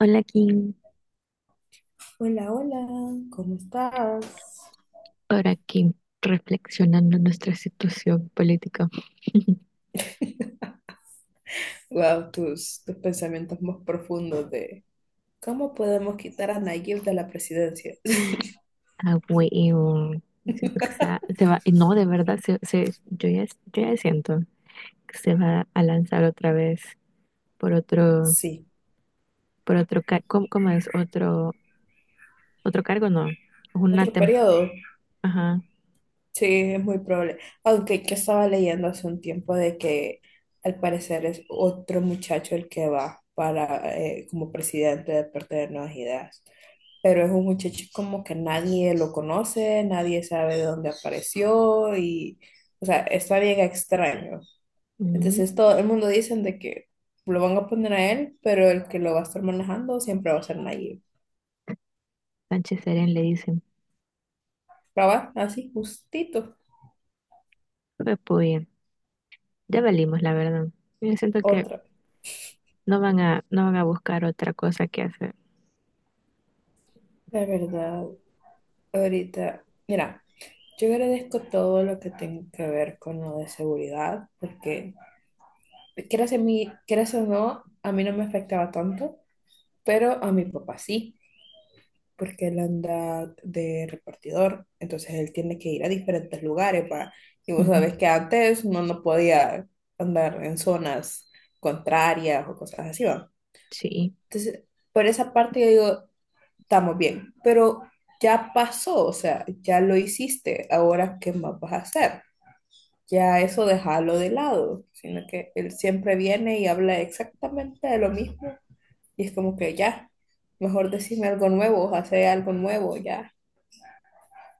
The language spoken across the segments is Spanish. Hola, Kim, Hola, hola, ¿cómo estás? por aquí reflexionando nuestra situación política. Wow, tus pensamientos más profundos de cómo podemos quitar a Nayib de la presidencia. Ah, huevo. Siento que no, de verdad, yo ya siento que se va a lanzar otra vez por otro, Sí, por otro, car- ¿cómo, ¿cómo es? Otro cargo, no, una otro tem- periodo. ajá. Sí, es muy probable. Aunque que estaba leyendo hace un tiempo de que al parecer es otro muchacho el que va para como presidente de parte de Nuevas Ideas. Pero es un muchacho como que nadie lo conoce, nadie sabe de dónde apareció y, o sea, está bien extraño. Mm. Entonces todo el mundo dicen de que lo van a poner a él, pero el que lo va a estar manejando siempre va a ser Nayib. Sánchez Serén le dicen, Cabal, así, justito. pues pues, ya valimos, la verdad. Yo siento que Otra, no van a buscar otra cosa que hacer. la verdad, ahorita, mira, yo agradezco todo lo que tenga que ver con lo de seguridad, porque quieras a mí, quieras o no, a mí no me afectaba tanto, pero a mi papá sí. Porque él anda de repartidor, entonces él tiene que ir a diferentes lugares para, y vos Ujú. sabés que antes uno no podía andar en zonas contrarias o cosas así, ¿va? Sí. Entonces, por esa parte yo digo, estamos bien, pero ya pasó, o sea, ya lo hiciste, ahora ¿qué más vas a hacer? Ya eso déjalo de lado, sino que él siempre viene y habla exactamente de lo mismo y es como que ya, mejor decime algo nuevo, hace algo nuevo, ya.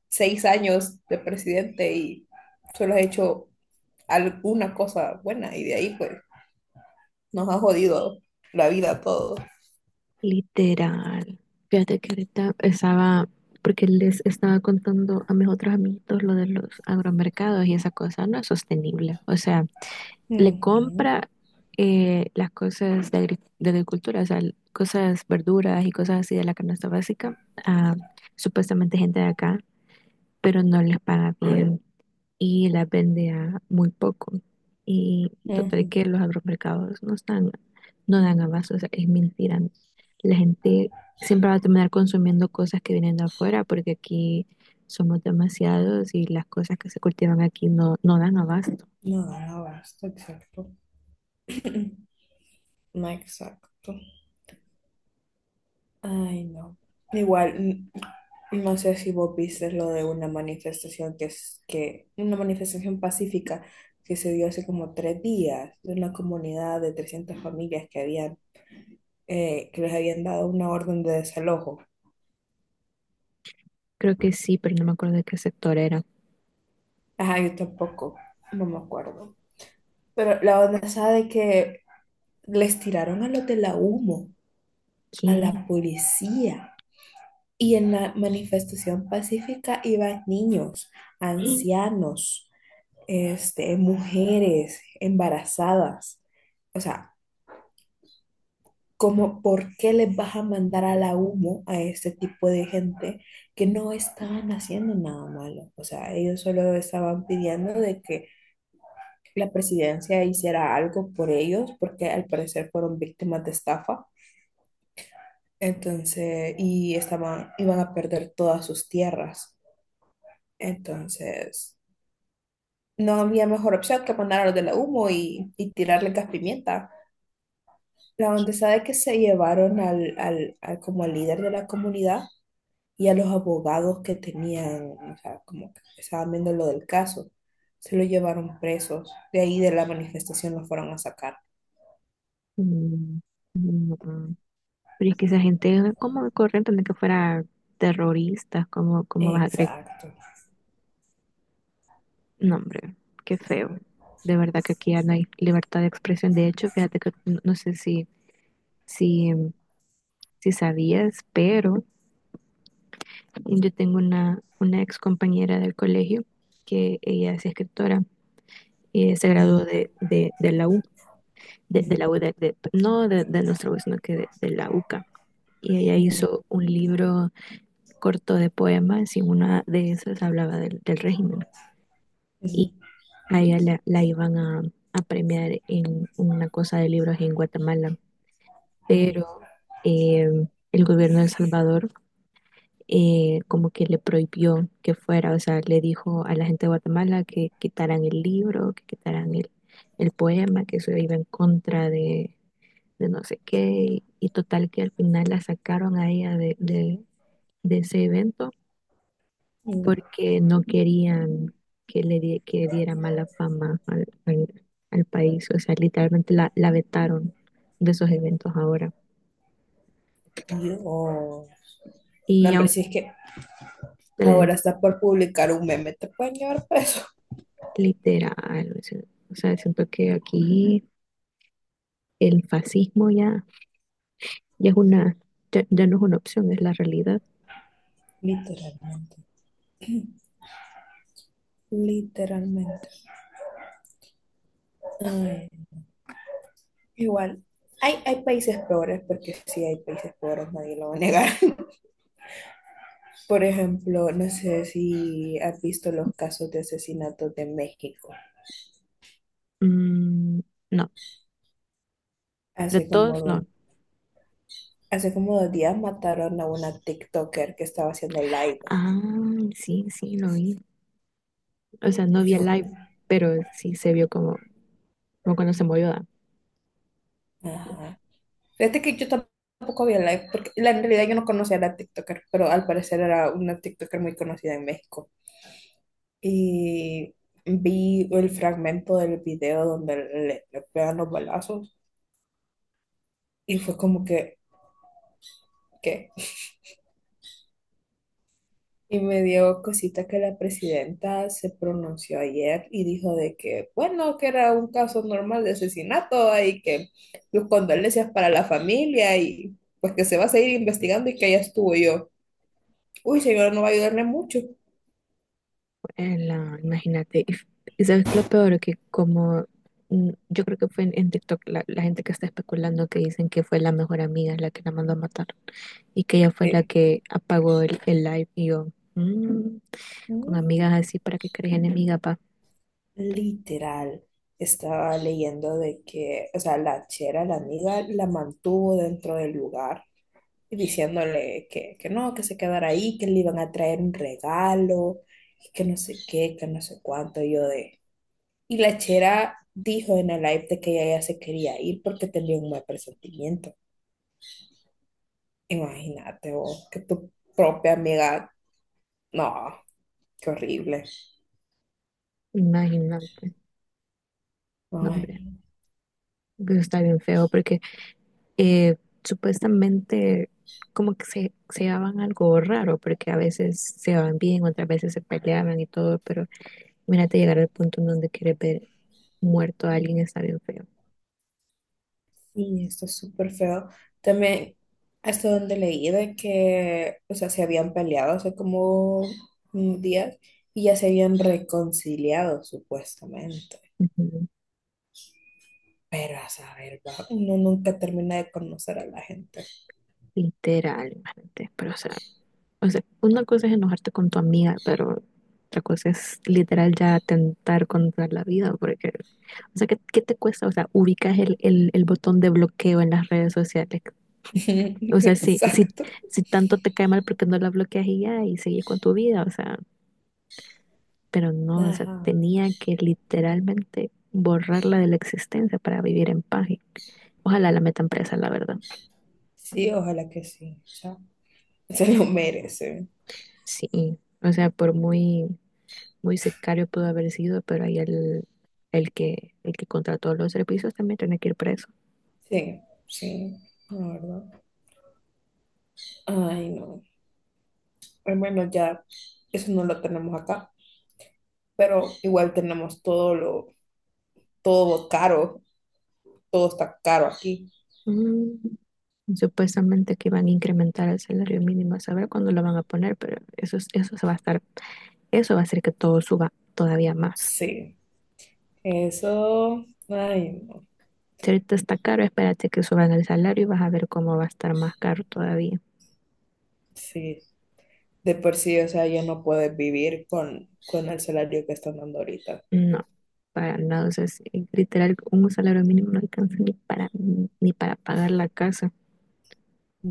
6 años de presidente y solo has hecho alguna cosa buena y de ahí pues nos ha jodido la vida a todos. Literal. Fíjate que ahorita estaba, porque les estaba contando a mis otros amiguitos lo de los agromercados y esa cosa no es sostenible. O sea, le Ujú, compra las cosas de, de agricultura, o sea, cosas, verduras y cosas así de la canasta básica a supuestamente gente de acá, pero no les paga bien y las vende a muy poco. Y total ujú. que los agromercados no están, no dan abasto, o sea, es mentira. La gente siempre va a terminar consumiendo cosas que vienen de afuera porque aquí somos demasiados y las cosas que se cultivan aquí no, no dan abasto. No, no basta, exacto. No, exacto. Ay, no. Igual, no sé si vos viste lo de una manifestación que es que, una manifestación pacífica que se dio hace como 3 días de una comunidad de 300 familias que habían, que les habían dado una orden de desalojo. Creo que sí, pero no me acuerdo de qué sector era. Ajá, yo tampoco, no me acuerdo. Pero la onda esa de que les tiraron a los de la humo, a la Aquí. policía. Y en la manifestación pacífica iban niños, ancianos, este, mujeres embarazadas. O sea, como, ¿por qué les vas a mandar a la humo a este tipo de gente que no estaban haciendo nada malo? O sea, ellos solo estaban pidiendo de que la presidencia hiciera algo por ellos, porque al parecer fueron víctimas de estafa. Entonces, y estaban, iban a perder todas sus tierras. Entonces, no había mejor opción que mandar a los de la humo y tirarle gas pimienta. La onda de que se llevaron al como al líder de la comunidad y a los abogados que tenían, o sea, como que estaban viendo lo del caso, se lo llevaron presos. De ahí de la manifestación los fueron a sacar. Mm, no. Ah. Pero es que esa gente, ¿cómo corren de que fuera terroristas? Cómo vas a creer? Exacto. No, hombre, qué feo. De verdad que aquí ya no hay libertad de expresión. De hecho, fíjate que no, no sé si, si sabías, pero yo tengo una ex compañera del colegio que ella es escritora y se graduó de la U, de Ujú, la U no de nuestra U, sino que de la UCA. Y ella ujú, hizo un libro corto de poemas y una de esas hablaba del régimen. Y ujú, a la iban a premiar en una cosa de libros en Guatemala, ujú, pero eh, el gobierno de El Salvador, como que le prohibió que fuera, o sea, le dijo a la gente de Guatemala que quitaran el libro, que quitaran el poema, que eso iba en contra de no sé qué, y total que al final la sacaron a ella de ese evento ujú. porque no querían que que diera mala fama al país. O sea, literalmente la vetaron de esos eventos ahora. Yo, no, Y hombre, aunque si es que le- ahora está por publicar un meme, te pueden llevar preso. literal, o sea, siento que aquí el fascismo ya, ya es una, ya no es una opción, es la realidad. Literalmente, literalmente. Ay, igual, hay países peores, porque sí hay países peores, nadie lo va a negar. Por ejemplo, no sé si has visto los casos de asesinatos de México. Mm, no, de Hace como todos dos, no. hace como 2 días mataron a una TikToker que estaba haciendo live. Ah, sí, sí, lo vi. O sea, no Y vi el yo, live, pero sí se vio como, como cuando se movió. ajá. Fíjate que yo tampoco había live, porque la, en realidad yo no conocía a la TikToker, pero al parecer era una TikToker muy conocida en México. Y vi el fragmento del video donde le pegan los balazos y fue como que, ¿qué? Y me dio cosita que la presidenta se pronunció ayer y dijo de que, bueno, que era un caso normal de asesinato y que sus condolencias para la familia y pues que se va a seguir investigando y que ya estuvo yo. Uy, señora, no va a ayudarle mucho. Imagínate, y y sabes que lo peor que como, mm, yo creo que fue en TikTok la gente que está especulando que dicen que fue la mejor amiga la que la mandó a matar y que ella fue la Sí. que apagó el live y yo, mm, con Mm, amigas así para que crees enemiga, pa, literal, estaba leyendo de que, o sea, la chera, la amiga, la mantuvo dentro del lugar y diciéndole que no, que se quedara ahí, que le iban a traer un regalo, y que no sé qué, que no sé cuánto, y yo de... Y la chera dijo en el live de que ella ya se quería ir porque tenía un mal presentimiento. Imagínate vos, que tu propia amiga, no, qué horrible. imagínate, no, Ay. hombre, No. eso está bien feo porque eh, supuestamente como que se llevaban algo raro, porque a veces se llevaban bien, otras veces se peleaban y todo, pero mírate llegar al punto en donde quieres ver muerto a alguien. Está bien feo. Sí, esto es súper feo. También, hasta donde leí de que, o sea, se habían peleado hace como un día y ya se habían reconciliado, supuestamente. Ujú. Pero a saber, va, uno nunca termina de conocer a la gente. Literal, imagínate, pero o sea, o sea, una cosa es enojarte con tu amiga, pero otra cosa es literal ya atentar contra la vida, porque, o sea, ¿qué, qué te cuesta? O sea, ubicas el botón de bloqueo en las redes sociales. O sea, si, si, Exacto. si tanto te cae mal porque no la bloqueas y ya, y sigues con tu vida, o sea, pero no, o sea, Ajá. tenía que literalmente borrarla de la existencia para vivir en paz. Y ojalá la metan presa, la verdad. Sí, ojalá que sí. O sea, se lo merece. Sí, o sea, por muy, muy secario pudo haber sido, pero ahí el, el que contrató los servicios también tiene que ir preso. Sí, sí, la verdad. Ay, no. Al menos ya, eso no lo tenemos acá, pero igual tenemos todo lo todo caro, todo está caro aquí. Mm. Supuestamente que van a incrementar el salario mínimo, a saber cuándo lo van a poner, pero eso, eso se va a estar, eso va a hacer que todo suba todavía más. Sí, eso, ay, no, Si ahorita está caro, espérate que suban el salario y vas a ver cómo va a estar más caro todavía. sí, de por sí, o sea, ya no puedes vivir con, el salario que están dando ahorita. No, para nada. O sea, literal, un salario mínimo no alcanza ni para, ni para pagar la casa.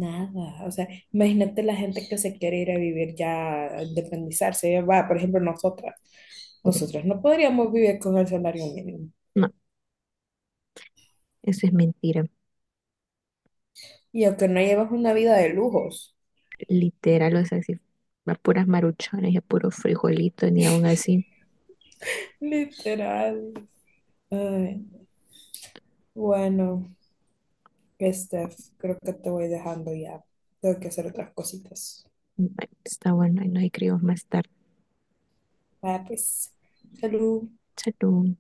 Nada, o sea, imagínate la gente que se quiere ir a vivir ya, a independizarse, va, por ejemplo, nosotras no podríamos vivir con el salario mínimo. No, eso es mentira. Y aunque no llevas una vida de lujos, Literal, o sea, si a puras maruchones y a puros frijolitos, ni aún así. literal. Ay, bueno, Steph, creo que te voy dejando ya. Tengo que hacer otras cositas. Bueno, está bueno, ahí nos escribimos más tarde. Vaya pues, salud. Salud.